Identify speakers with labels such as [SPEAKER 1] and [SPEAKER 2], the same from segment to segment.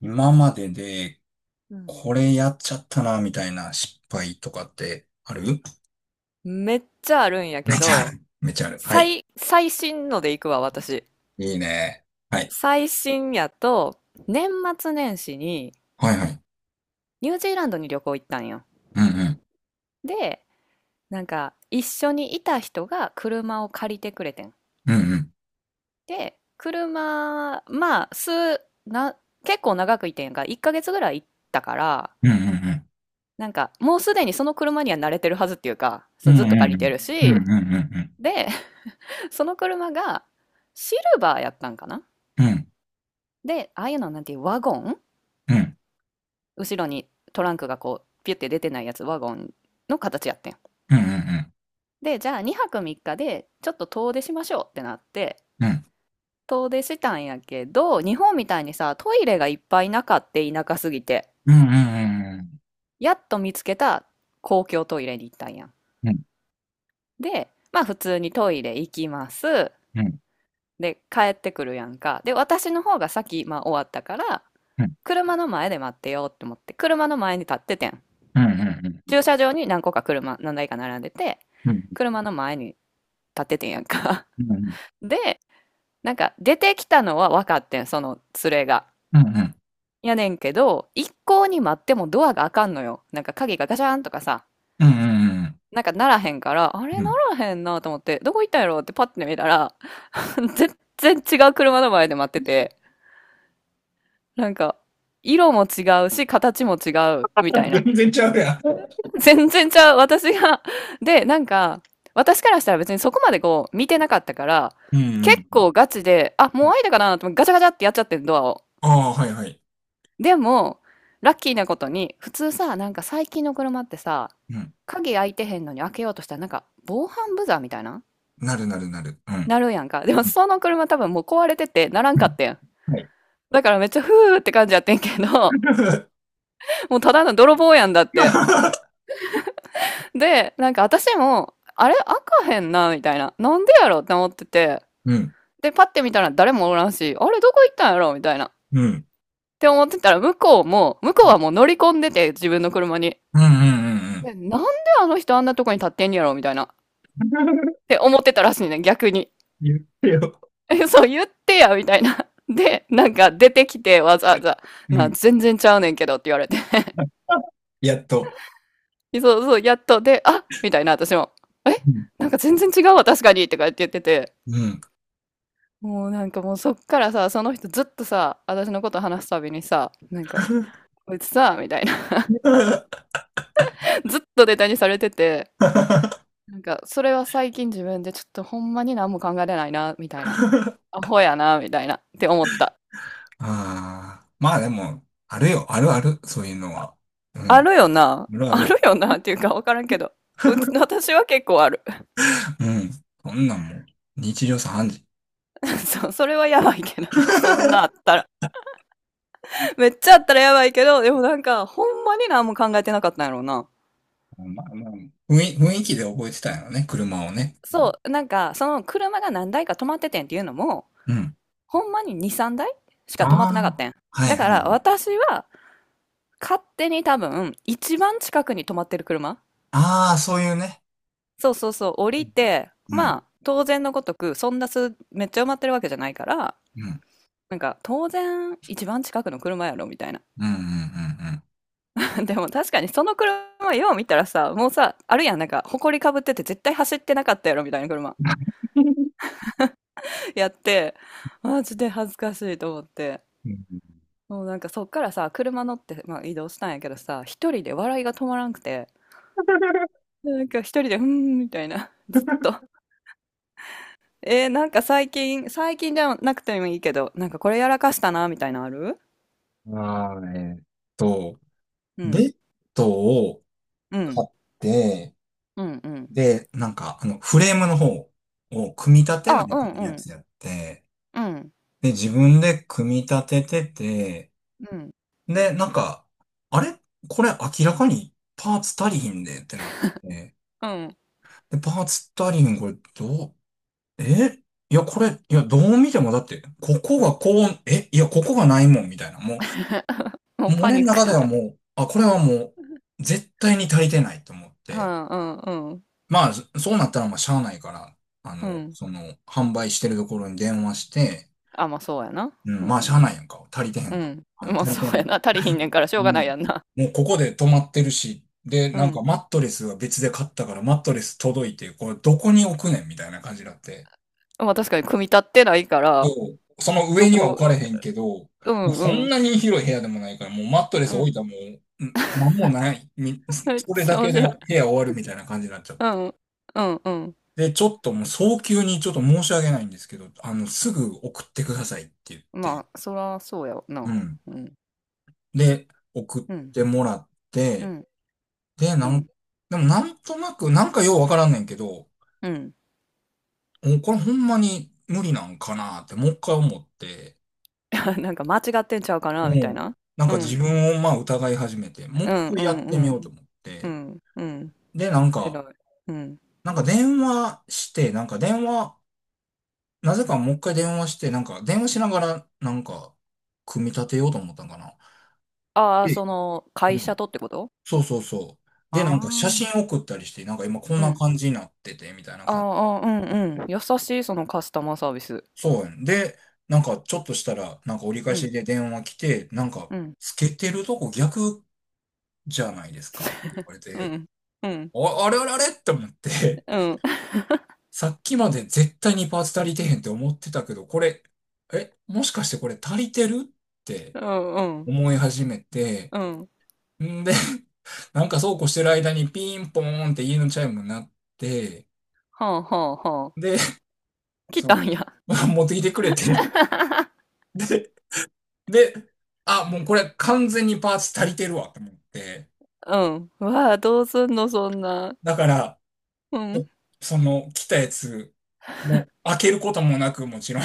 [SPEAKER 1] 今までで、
[SPEAKER 2] うん。
[SPEAKER 1] これやっちゃったな、みたいな失敗とかってある？
[SPEAKER 2] めっちゃあるんや
[SPEAKER 1] め
[SPEAKER 2] け
[SPEAKER 1] っちゃあ
[SPEAKER 2] ど、
[SPEAKER 1] る。めっちゃある。はい。
[SPEAKER 2] 最、最新ので行くわ、私。
[SPEAKER 1] いいね。はい。
[SPEAKER 2] 最新やと、年末年始に
[SPEAKER 1] はいはい。
[SPEAKER 2] ニュージーランドに旅行行ったんよ。
[SPEAKER 1] うんうん。
[SPEAKER 2] で、一緒にいた人が車を借りてくれてん。
[SPEAKER 1] うんうん。
[SPEAKER 2] で、車、まあ、数、な、結構長くいてんやんか。1ヶ月ぐらい行ったから、
[SPEAKER 1] うんうん
[SPEAKER 2] もうすでにその車には慣れてるはずっていうか、そ
[SPEAKER 1] う
[SPEAKER 2] の
[SPEAKER 1] ん。
[SPEAKER 2] ずっと
[SPEAKER 1] うんう
[SPEAKER 2] 借
[SPEAKER 1] ん
[SPEAKER 2] り
[SPEAKER 1] う
[SPEAKER 2] て
[SPEAKER 1] ん。
[SPEAKER 2] る
[SPEAKER 1] う
[SPEAKER 2] し。
[SPEAKER 1] んうんうん。
[SPEAKER 2] で、その車がシルバーやったんかな。
[SPEAKER 1] うん
[SPEAKER 2] で、ああいうのはなんていうワゴン、
[SPEAKER 1] うんうん。
[SPEAKER 2] 後ろにトランクがこうピュって出てないやつ、ワゴンの形やってん。
[SPEAKER 1] うんうんうん。
[SPEAKER 2] で、じゃあ2泊3日でちょっと遠出しましょうってなって、遠出したんやけど、日本みたいにさ、トイレがいっぱいなかって、田舎すぎて、
[SPEAKER 1] うんうんうん。
[SPEAKER 2] やっと見つけた公共トイレに行ったんやん。
[SPEAKER 1] うんうんうん。
[SPEAKER 2] で、まあ普通にトイレ行きます。
[SPEAKER 1] うん
[SPEAKER 2] で、帰ってくるやんか。で、私の方が先、まあ終わったから、車の前で待ってようって思って、車の前に立っててん。
[SPEAKER 1] うんうん。
[SPEAKER 2] 駐車場に何個か車、何台か並んでて、
[SPEAKER 1] うんうんうんうんうん
[SPEAKER 2] 車の前に立っててんやんか。 で、出てきたのは分かってん、その連れがやねんけど、一向に待ってもドアが開かんのよ。鍵がガチャーンとかさ、ならへんから、あ
[SPEAKER 1] うん
[SPEAKER 2] れ
[SPEAKER 1] う
[SPEAKER 2] な
[SPEAKER 1] ん。
[SPEAKER 2] らへんなと思って、どこ行ったんやろってパッて見たら、 全然違う車の前で待ってて、なんか色も違うし形も違うみたいな。
[SPEAKER 1] 全然ちゃうやん。
[SPEAKER 2] 全然ちゃう、私が。で、私からしたら別にそこまでこう、見てなかったから、
[SPEAKER 1] うん
[SPEAKER 2] 結
[SPEAKER 1] うん。
[SPEAKER 2] 構ガチで、あ、もう開いたかなと思って、ガチャガチャってやっちゃってん、ドアを。
[SPEAKER 1] ああ、はいはい。
[SPEAKER 2] でも、ラッキーなことに、普通さ、最近の車ってさ、
[SPEAKER 1] うん。
[SPEAKER 2] 鍵開いてへんのに開けようとしたら、防犯ブザーみたいな
[SPEAKER 1] なるなるなる。うん。
[SPEAKER 2] なるやんか。でもその車多分もう壊れてて、ならん
[SPEAKER 1] う
[SPEAKER 2] か
[SPEAKER 1] ん。
[SPEAKER 2] ってん。
[SPEAKER 1] はい。
[SPEAKER 2] だからめっちゃふーって感じやってんけど、もうただの泥棒やんだって。で、私も、あれ開かへんな、みたいな。なんでやろって思ってて。
[SPEAKER 1] うん。
[SPEAKER 2] で、パッて見たら誰もおらんし、あれどこ行ったんやろみたいな。っ
[SPEAKER 1] うん。
[SPEAKER 2] て思ってたら、向こうはもう乗り込んでて、自分の車に。
[SPEAKER 1] うんうんうんう
[SPEAKER 2] で、
[SPEAKER 1] ん。
[SPEAKER 2] なんであの人あんなとこに立ってんやろみたいな。っ て思ってたらしいね、逆に。
[SPEAKER 1] 言ってよ。
[SPEAKER 2] え、そう言ってや、みたいな。で、出てきて、わざわざ、
[SPEAKER 1] う
[SPEAKER 2] な、
[SPEAKER 1] ん。
[SPEAKER 2] 全然ちゃうねんけどって言われて。
[SPEAKER 1] やっと。
[SPEAKER 2] そうそう、やっと、で、あみたいな、私も。え、
[SPEAKER 1] うん。
[SPEAKER 2] 全然違うわ、確かにとか言って言ってて。
[SPEAKER 1] うん。
[SPEAKER 2] もうなんかもうそっからさ、その人ずっとさ、私のこと話すたびにさ、こいつさ、みたいな、ずっとネタにされてて、それは最近自分でちょっとほんまに何も考えれないな、みたいな。アホやな、みたいな、って思った。
[SPEAKER 1] ああ。まあでも、あるよ。あるある。そういうのは。う
[SPEAKER 2] あ
[SPEAKER 1] ん。
[SPEAKER 2] るよな。
[SPEAKER 1] あるあ
[SPEAKER 2] ある
[SPEAKER 1] る。
[SPEAKER 2] よな、っていうかわからんけど。うち、私は結構ある。
[SPEAKER 1] うん。そんなんもう、日常茶飯事。
[SPEAKER 2] そう、それはやばいけどな。そんなあったら。めっちゃあったらやばいけど、でもほんまに何も考えてなかったんやろうな。
[SPEAKER 1] まあまあ、雰囲気で覚えてたんやろね。車をね。う
[SPEAKER 2] そ
[SPEAKER 1] ん。
[SPEAKER 2] う、その車が何台か止まっててんっていうのも、
[SPEAKER 1] うん。
[SPEAKER 2] ほんまに2、3台し
[SPEAKER 1] あ
[SPEAKER 2] か止まってなかっ
[SPEAKER 1] あ。
[SPEAKER 2] たん。
[SPEAKER 1] はい
[SPEAKER 2] だ
[SPEAKER 1] は
[SPEAKER 2] から
[SPEAKER 1] い。
[SPEAKER 2] 私は勝手に多分一番近くに止まってる車。
[SPEAKER 1] ああ、そういうね。
[SPEAKER 2] そうそうそう、降りて、
[SPEAKER 1] う
[SPEAKER 2] ま
[SPEAKER 1] ん。
[SPEAKER 2] あ当然のごとくそんなすめっちゃ埋まってるわけじゃないから、
[SPEAKER 1] うん。
[SPEAKER 2] 当然一番近くの車やろみたいな。
[SPEAKER 1] うんうん
[SPEAKER 2] でも確かにその車よう見たらさ、もうさ、あるやん、埃かぶってて絶対走ってなかったやろみたいな車 やって、マジで恥ずかしいと思って。
[SPEAKER 1] うんうん。
[SPEAKER 2] もうなんかそっからさ、車乗って、まあ、移動したんやけどさ、一人で笑いが止まらんくて、一人で、うーん、みたいな、
[SPEAKER 1] う
[SPEAKER 2] ずっ
[SPEAKER 1] ん。
[SPEAKER 2] と。最近、最近じゃなくてもいいけど、なんかこれやらかしたな、みたいなのある。
[SPEAKER 1] あーえーっと、
[SPEAKER 2] う
[SPEAKER 1] ベ
[SPEAKER 2] ん、
[SPEAKER 1] ッドを
[SPEAKER 2] うん、
[SPEAKER 1] 買って、
[SPEAKER 2] うん、うん。
[SPEAKER 1] で、なんか、あの、フレームの方を組み立てな
[SPEAKER 2] あ、う
[SPEAKER 1] いと
[SPEAKER 2] ん、
[SPEAKER 1] い
[SPEAKER 2] う
[SPEAKER 1] や
[SPEAKER 2] ん、
[SPEAKER 1] つやって、
[SPEAKER 2] うん、
[SPEAKER 1] で、自分で組み立ててて、
[SPEAKER 2] うん、
[SPEAKER 1] で、なんか、あれこれ明らかにパーツ足りひんでってなって、
[SPEAKER 2] うん。
[SPEAKER 1] で、パーツ足りひんこれどう、えいや、これ、いや、どう見てもだって、ここがこう、えいや、ここがないもん、みたいな。もう、
[SPEAKER 2] もう
[SPEAKER 1] もう
[SPEAKER 2] パ
[SPEAKER 1] 俺の
[SPEAKER 2] ニック
[SPEAKER 1] 中で
[SPEAKER 2] や
[SPEAKER 1] は
[SPEAKER 2] な。
[SPEAKER 1] もう、あ、これはもう、絶対に足りてないと思っ
[SPEAKER 2] う
[SPEAKER 1] て、
[SPEAKER 2] ん、うん、うん、
[SPEAKER 1] まあ、そうなったらまあ、しゃあないから、あ
[SPEAKER 2] う
[SPEAKER 1] の、
[SPEAKER 2] ん。
[SPEAKER 1] その、販売してるところに電話して、
[SPEAKER 2] あ、まあそうやな。
[SPEAKER 1] う
[SPEAKER 2] う
[SPEAKER 1] ん、まあ、し
[SPEAKER 2] ん、
[SPEAKER 1] ゃあないやんか。足りてへ
[SPEAKER 2] う
[SPEAKER 1] んか。
[SPEAKER 2] ん。まあ
[SPEAKER 1] 足り
[SPEAKER 2] そ
[SPEAKER 1] て
[SPEAKER 2] うや
[SPEAKER 1] ない。
[SPEAKER 2] な。足りひんねんからし
[SPEAKER 1] う
[SPEAKER 2] ょうが
[SPEAKER 1] ん。
[SPEAKER 2] ないやんな。
[SPEAKER 1] もう、ここで止まってるし、で、
[SPEAKER 2] う
[SPEAKER 1] なんか、
[SPEAKER 2] ん。
[SPEAKER 1] マットレスは別で買ったから、マットレス届いて、これ、どこに置くねんみたいな感じになって。
[SPEAKER 2] まあ確かに組み立ってないから、
[SPEAKER 1] そう、その
[SPEAKER 2] ど
[SPEAKER 1] 上には置
[SPEAKER 2] こ、
[SPEAKER 1] かれへんけど、も
[SPEAKER 2] う
[SPEAKER 1] う
[SPEAKER 2] ん、
[SPEAKER 1] そ
[SPEAKER 2] う
[SPEAKER 1] ん
[SPEAKER 2] ん、
[SPEAKER 1] なに広い部屋でもないから、もうマットレ
[SPEAKER 2] う
[SPEAKER 1] ス置い
[SPEAKER 2] ん。
[SPEAKER 1] たらもう、んなんもない。
[SPEAKER 2] めっ
[SPEAKER 1] それ
[SPEAKER 2] ち
[SPEAKER 1] だ
[SPEAKER 2] ゃ面
[SPEAKER 1] けで
[SPEAKER 2] 白い。
[SPEAKER 1] 部屋終わるみたいな感じになっちゃっ
[SPEAKER 2] う
[SPEAKER 1] て。
[SPEAKER 2] ん、うん、うん。
[SPEAKER 1] で、ちょっともう早急にちょっと申し訳ないんですけど、あの、すぐ送ってくださいって言って、
[SPEAKER 2] まあ、そらそうやわ
[SPEAKER 1] う
[SPEAKER 2] な。
[SPEAKER 1] ん。
[SPEAKER 2] うん。
[SPEAKER 1] で、送っ
[SPEAKER 2] うん、
[SPEAKER 1] てもらっ
[SPEAKER 2] う
[SPEAKER 1] て、
[SPEAKER 2] ん、
[SPEAKER 1] で、
[SPEAKER 2] う
[SPEAKER 1] なん、
[SPEAKER 2] ん、
[SPEAKER 1] でもなんとなく、なんかようわからんねんけど、
[SPEAKER 2] うん。
[SPEAKER 1] もうこれほんまに無理なんかなってもう一回思って、
[SPEAKER 2] 間違ってんちゃうか
[SPEAKER 1] う
[SPEAKER 2] なみたい
[SPEAKER 1] ん。
[SPEAKER 2] な。
[SPEAKER 1] なん
[SPEAKER 2] う
[SPEAKER 1] か自
[SPEAKER 2] ん、
[SPEAKER 1] 分をまあ疑い始めて、もう
[SPEAKER 2] うん、
[SPEAKER 1] 一回
[SPEAKER 2] う
[SPEAKER 1] や
[SPEAKER 2] ん、
[SPEAKER 1] ってみ
[SPEAKER 2] う
[SPEAKER 1] よう
[SPEAKER 2] ん、
[SPEAKER 1] と思っ
[SPEAKER 2] う
[SPEAKER 1] て。
[SPEAKER 2] ん、うん。
[SPEAKER 1] で、なんか、
[SPEAKER 2] 偉い。うん。
[SPEAKER 1] なんか電話して、なんか電話、なぜかもう一回電話して、なんか電話しながら、なんか、組み立てようと思ったんかな。
[SPEAKER 2] ああ、
[SPEAKER 1] で、
[SPEAKER 2] その、会
[SPEAKER 1] うん。
[SPEAKER 2] 社とってこと。
[SPEAKER 1] そうそうそう。で、なんか
[SPEAKER 2] ああ
[SPEAKER 1] 写
[SPEAKER 2] ー、
[SPEAKER 1] 真送ったりして、なんか今こん
[SPEAKER 2] う
[SPEAKER 1] な
[SPEAKER 2] ん。
[SPEAKER 1] 感じになってて、みたいな感じ。
[SPEAKER 2] ああ、うん、うん。優しい、そのカスタマーサービス。
[SPEAKER 1] そうやん。で、なんかちょっとしたら、なんか折り返
[SPEAKER 2] う
[SPEAKER 1] し
[SPEAKER 2] ん、
[SPEAKER 1] で電話来て、なんか、
[SPEAKER 2] うん、
[SPEAKER 1] つけてるとこ逆じゃないですかって言われ
[SPEAKER 2] うん、う
[SPEAKER 1] て、
[SPEAKER 2] ん、うん、
[SPEAKER 1] あ、あれあれあれって思って、
[SPEAKER 2] うん、
[SPEAKER 1] さっきまで絶対にパーツ足りてへんって思ってたけど、これ、え、もしかしてこれ足りてるって
[SPEAKER 2] うん、
[SPEAKER 1] 思い始めて、
[SPEAKER 2] うん。
[SPEAKER 1] んで、なんかそうこうしてる間にピンポーンって家のチャイムになって、
[SPEAKER 2] はあ、はあ、はあ。
[SPEAKER 1] で、
[SPEAKER 2] 来
[SPEAKER 1] そ
[SPEAKER 2] たんや。
[SPEAKER 1] の、持ってきてくれて、で、で、あ、もうこれ完全にパーツ足りてるわと思って、
[SPEAKER 2] うん。わあ、どうすんの、そんな。
[SPEAKER 1] だから、
[SPEAKER 2] うん、
[SPEAKER 1] おその、来たやつ、もう開けることもなく、もちろん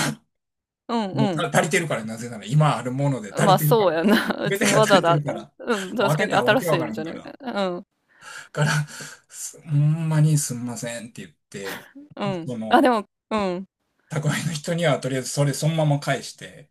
[SPEAKER 2] うん、
[SPEAKER 1] も
[SPEAKER 2] うん。
[SPEAKER 1] うた足りてるから、なぜなら、今あるもので足
[SPEAKER 2] ま
[SPEAKER 1] り
[SPEAKER 2] あ、
[SPEAKER 1] てるか
[SPEAKER 2] そう
[SPEAKER 1] ら。
[SPEAKER 2] やな。
[SPEAKER 1] 全
[SPEAKER 2] 別
[SPEAKER 1] て
[SPEAKER 2] に
[SPEAKER 1] が
[SPEAKER 2] わ
[SPEAKER 1] 足
[SPEAKER 2] ざわ
[SPEAKER 1] りて
[SPEAKER 2] ざ
[SPEAKER 1] るから。
[SPEAKER 2] うん、
[SPEAKER 1] もう
[SPEAKER 2] 確
[SPEAKER 1] 開
[SPEAKER 2] か
[SPEAKER 1] け
[SPEAKER 2] に
[SPEAKER 1] たらわ
[SPEAKER 2] 新
[SPEAKER 1] け
[SPEAKER 2] し
[SPEAKER 1] わ
[SPEAKER 2] い
[SPEAKER 1] か
[SPEAKER 2] ん
[SPEAKER 1] ら
[SPEAKER 2] じ
[SPEAKER 1] ん
[SPEAKER 2] ゃな
[SPEAKER 1] か
[SPEAKER 2] い
[SPEAKER 1] ら。
[SPEAKER 2] うん、
[SPEAKER 1] から、すほんまにすんませんって言って、
[SPEAKER 2] うん。
[SPEAKER 1] そ
[SPEAKER 2] あ、で
[SPEAKER 1] の、
[SPEAKER 2] もうん。
[SPEAKER 1] 宅配の人にはとりあえずそれそのまま返して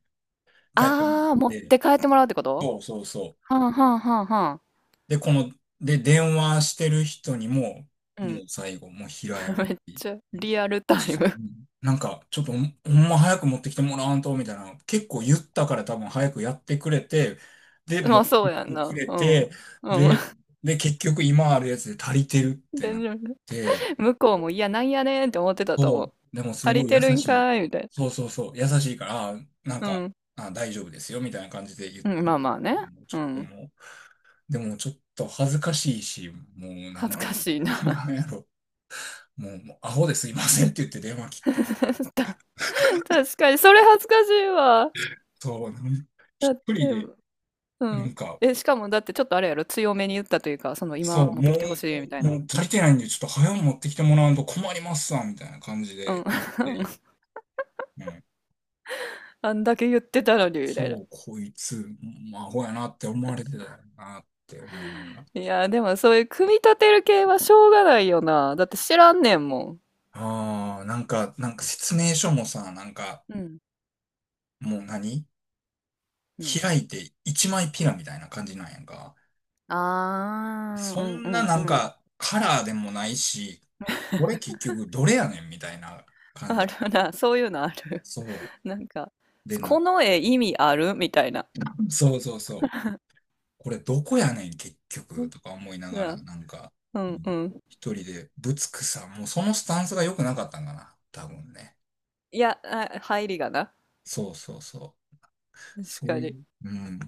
[SPEAKER 1] 帰ってもらっ
[SPEAKER 2] あー、持っ
[SPEAKER 1] て、
[SPEAKER 2] て帰ってもらうってこと？
[SPEAKER 1] そうそうそう。
[SPEAKER 2] はんはんはんはん
[SPEAKER 1] で、で、電話してる人にも、
[SPEAKER 2] う
[SPEAKER 1] も
[SPEAKER 2] ん。
[SPEAKER 1] う最後、もう平謝
[SPEAKER 2] めっ
[SPEAKER 1] り。
[SPEAKER 2] ちゃリアルタイム。
[SPEAKER 1] なんか、ちょっとほんま早く持ってきてもらわんと、みたいな。結構言ったから多分早くやってくれて、で、
[SPEAKER 2] ま
[SPEAKER 1] 持っ
[SPEAKER 2] あ、そ
[SPEAKER 1] て
[SPEAKER 2] う
[SPEAKER 1] き
[SPEAKER 2] やん
[SPEAKER 1] てく
[SPEAKER 2] な。
[SPEAKER 1] れ
[SPEAKER 2] うん。うん。
[SPEAKER 1] て、で、結局今あるやつで足りてるっ て
[SPEAKER 2] で、
[SPEAKER 1] なっ
[SPEAKER 2] 然
[SPEAKER 1] て、
[SPEAKER 2] 向こうも、いや、なんやねんって思ってたと思う。
[SPEAKER 1] そう、でもす
[SPEAKER 2] 足
[SPEAKER 1] ご
[SPEAKER 2] り
[SPEAKER 1] い
[SPEAKER 2] て
[SPEAKER 1] 優
[SPEAKER 2] るん
[SPEAKER 1] しい。
[SPEAKER 2] かーいみたい
[SPEAKER 1] そうそうそう、優しいから、あ、なん
[SPEAKER 2] な。
[SPEAKER 1] か、
[SPEAKER 2] うん。
[SPEAKER 1] あ、大丈夫ですよ、みたいな感じで言っ
[SPEAKER 2] うん、
[SPEAKER 1] て
[SPEAKER 2] まあまあね。
[SPEAKER 1] も、もうち
[SPEAKER 2] う
[SPEAKER 1] ょっと
[SPEAKER 2] ん。
[SPEAKER 1] もう、でもちょっと恥ずかしいし、もうな
[SPEAKER 2] 恥
[SPEAKER 1] ん
[SPEAKER 2] ず
[SPEAKER 1] か、
[SPEAKER 2] かしい な。
[SPEAKER 1] なんやろ、もう、もうアホですいませんって言って電話切った。
[SPEAKER 2] 確かにそれ恥ずかしいわ。
[SPEAKER 1] そう、
[SPEAKER 2] だ
[SPEAKER 1] 一
[SPEAKER 2] っ
[SPEAKER 1] 人
[SPEAKER 2] て
[SPEAKER 1] で、
[SPEAKER 2] う
[SPEAKER 1] な
[SPEAKER 2] ん。
[SPEAKER 1] んか、
[SPEAKER 2] え、しかもだってちょっとあれやろ、強めに言ったというか、その
[SPEAKER 1] そ
[SPEAKER 2] 今
[SPEAKER 1] う、
[SPEAKER 2] 持って
[SPEAKER 1] も
[SPEAKER 2] きてほしいみた
[SPEAKER 1] う、
[SPEAKER 2] いな。
[SPEAKER 1] もう足りてないんで、ちょっと早う持ってきてもらわんと困りますわ、みたいな感じ
[SPEAKER 2] うん。
[SPEAKER 1] で言って、うん。
[SPEAKER 2] あんだけ言ってたのに、みたいな。
[SPEAKER 1] そう、こいつ、まあ、アホやなって思われてたよなって思いながら。
[SPEAKER 2] いや、でもそういう組み立てる系はしょうがないよな。だって知らんねんもん。
[SPEAKER 1] ああ、なんか説明書もさ、なんか、
[SPEAKER 2] うん。
[SPEAKER 1] もう何
[SPEAKER 2] うん。
[SPEAKER 1] 開いて一枚ピラみたいな感じなんやんか。
[SPEAKER 2] あー、
[SPEAKER 1] そ
[SPEAKER 2] うんう
[SPEAKER 1] んな
[SPEAKER 2] ん
[SPEAKER 1] な
[SPEAKER 2] う
[SPEAKER 1] ん
[SPEAKER 2] ん。
[SPEAKER 1] か、カラーでもないし、これ結局どれやねんみたいな感
[SPEAKER 2] あ
[SPEAKER 1] じ。
[SPEAKER 2] るな、そういうのある。
[SPEAKER 1] そ
[SPEAKER 2] なんか、
[SPEAKER 1] う。で
[SPEAKER 2] こ
[SPEAKER 1] な、
[SPEAKER 2] の絵意味あるみたいな。
[SPEAKER 1] そうそうそう。これどこやねん、結
[SPEAKER 2] う
[SPEAKER 1] 局、
[SPEAKER 2] ん
[SPEAKER 1] とか思いながら、なんか、
[SPEAKER 2] う
[SPEAKER 1] う
[SPEAKER 2] ん
[SPEAKER 1] ん、
[SPEAKER 2] うん。
[SPEAKER 1] 一人で、ぶつくさ、もうそのスタンスが良くなかったんかな、多分ね。
[SPEAKER 2] いや、あ、入りがな。
[SPEAKER 1] そうそうそう。
[SPEAKER 2] 確
[SPEAKER 1] そ
[SPEAKER 2] か
[SPEAKER 1] うい
[SPEAKER 2] に。
[SPEAKER 1] う、うん。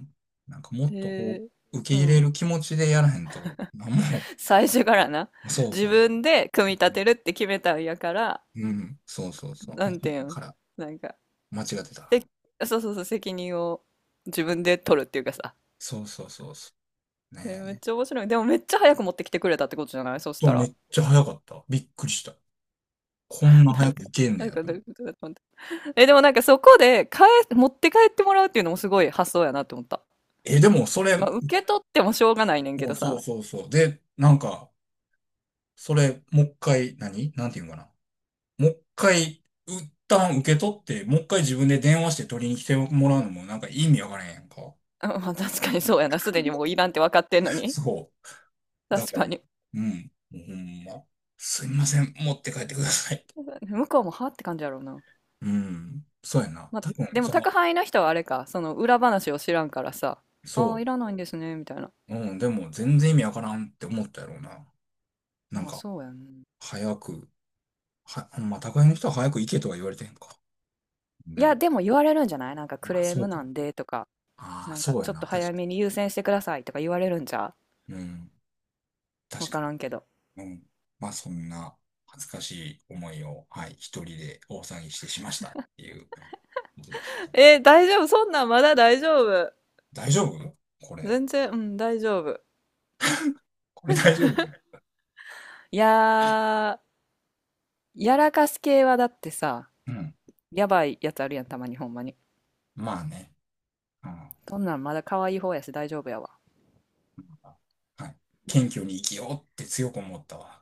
[SPEAKER 1] なんかも
[SPEAKER 2] え
[SPEAKER 1] っとこ
[SPEAKER 2] ー、
[SPEAKER 1] う、受け
[SPEAKER 2] う
[SPEAKER 1] 入れ
[SPEAKER 2] ん。
[SPEAKER 1] る気持ちでやらへんと、なんも、
[SPEAKER 2] 最初からな、
[SPEAKER 1] そう
[SPEAKER 2] 自
[SPEAKER 1] そう。
[SPEAKER 2] 分で組み立てるって決めたんやから、
[SPEAKER 1] うん、そうそうそう。
[SPEAKER 2] な
[SPEAKER 1] もう
[SPEAKER 2] んて
[SPEAKER 1] こ
[SPEAKER 2] いう
[SPEAKER 1] っ
[SPEAKER 2] ん、
[SPEAKER 1] から、
[SPEAKER 2] なんか、
[SPEAKER 1] 間違ってた。
[SPEAKER 2] せ、そうそうそう、責任を自分で取るっていうかさ。
[SPEAKER 1] そうそうそうそう。
[SPEAKER 2] え、
[SPEAKER 1] ね
[SPEAKER 2] めっちゃ
[SPEAKER 1] え。
[SPEAKER 2] 面白い。でもめっちゃ早く持ってきてくれたってことじゃないそした
[SPEAKER 1] め
[SPEAKER 2] ら。
[SPEAKER 1] っちゃ早かった。びっくりした。こん な
[SPEAKER 2] な
[SPEAKER 1] 早
[SPEAKER 2] んか、
[SPEAKER 1] くいけんねやと
[SPEAKER 2] ど
[SPEAKER 1] 思
[SPEAKER 2] うい
[SPEAKER 1] う。
[SPEAKER 2] うことだと思って、え、でもなんかそこで持って帰ってもらうっていうのもすごい発想やなって思った。
[SPEAKER 1] え、でもそれ、
[SPEAKER 2] まあ、受け取ってもしょうがないねんけ
[SPEAKER 1] も
[SPEAKER 2] ど
[SPEAKER 1] うそ
[SPEAKER 2] さ。
[SPEAKER 1] うそうそう。で、なんか、それ、もう一回、何なんていうんかな。もう一回、一旦受け取って、もう一回自分で電話して取りに来てもらうのもなんか意味わからへんやんか。
[SPEAKER 2] うん、まあ、確かにそうやな。すでにもういらんって分かってんのに。
[SPEAKER 1] そう。だ
[SPEAKER 2] 確
[SPEAKER 1] から、
[SPEAKER 2] かに。
[SPEAKER 1] うん。もうほんま。すいません、持って帰ってください。
[SPEAKER 2] 向こうもはって感じやろうな。
[SPEAKER 1] うん。そうやな。
[SPEAKER 2] まあ、
[SPEAKER 1] 多分、
[SPEAKER 2] でも
[SPEAKER 1] そ
[SPEAKER 2] 宅
[SPEAKER 1] の、
[SPEAKER 2] 配の人はあれか、その裏話を知らんからさ、ああ、
[SPEAKER 1] そ
[SPEAKER 2] いらないんですね、みたいな。
[SPEAKER 1] う。うん、でも全然意味わからんって思ったやろうな。なん
[SPEAKER 2] まあ、
[SPEAKER 1] か、
[SPEAKER 2] そうやん。
[SPEAKER 1] 早く、ほんま、宅配の人は早く行けとは言われてへんか。
[SPEAKER 2] い
[SPEAKER 1] でも、
[SPEAKER 2] や、でも言われるんじゃない？ク
[SPEAKER 1] まあ、
[SPEAKER 2] レー
[SPEAKER 1] そ
[SPEAKER 2] ム
[SPEAKER 1] うか。
[SPEAKER 2] なんでとか、
[SPEAKER 1] ああ、
[SPEAKER 2] なんか
[SPEAKER 1] そう
[SPEAKER 2] ち
[SPEAKER 1] や
[SPEAKER 2] ょっと
[SPEAKER 1] な。確
[SPEAKER 2] 早
[SPEAKER 1] か
[SPEAKER 2] めに優先してくださいとか言われるんじゃ、
[SPEAKER 1] に。うん。
[SPEAKER 2] うわ
[SPEAKER 1] 確か
[SPEAKER 2] か
[SPEAKER 1] に。
[SPEAKER 2] らんけど。
[SPEAKER 1] うん。まあ、そんな恥ずかしい思いを、はい、一人で大騒ぎしてしましたっていうことでした。
[SPEAKER 2] えー大丈夫、そんなんまだ大丈夫。
[SPEAKER 1] 大丈夫これ？
[SPEAKER 2] 全然、うん、大丈夫。
[SPEAKER 1] これ大丈夫？
[SPEAKER 2] いやー、やらかす系はだってさ、
[SPEAKER 1] うん。
[SPEAKER 2] やばいやつあるやん、たまにほんまに。
[SPEAKER 1] まあね。うん。
[SPEAKER 2] そんなんまだ可愛い方やし大丈夫やわ。
[SPEAKER 1] はい。
[SPEAKER 2] う
[SPEAKER 1] 謙
[SPEAKER 2] ん、
[SPEAKER 1] 虚に生きようって強く思ったわ。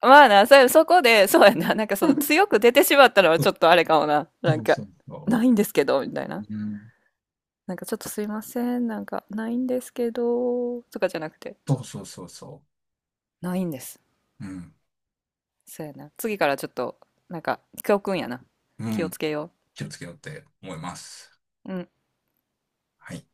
[SPEAKER 2] まあな、それ、そこで、そうやな、なんかその強く出てしまったのはちょっとあれかもな。
[SPEAKER 1] そうそうそうそ
[SPEAKER 2] ないんですけど、みたいな。
[SPEAKER 1] う。うん。
[SPEAKER 2] なんかちょっとすいません、ないんですけど、とかじゃなくて、
[SPEAKER 1] そうそうそうそ
[SPEAKER 2] ないんです。
[SPEAKER 1] う。うん。
[SPEAKER 2] そうやな。次からちょっと、教訓やな。
[SPEAKER 1] う
[SPEAKER 2] 気を
[SPEAKER 1] ん。
[SPEAKER 2] つけよ
[SPEAKER 1] 気をつけようって思います。
[SPEAKER 2] う。うん。
[SPEAKER 1] はい。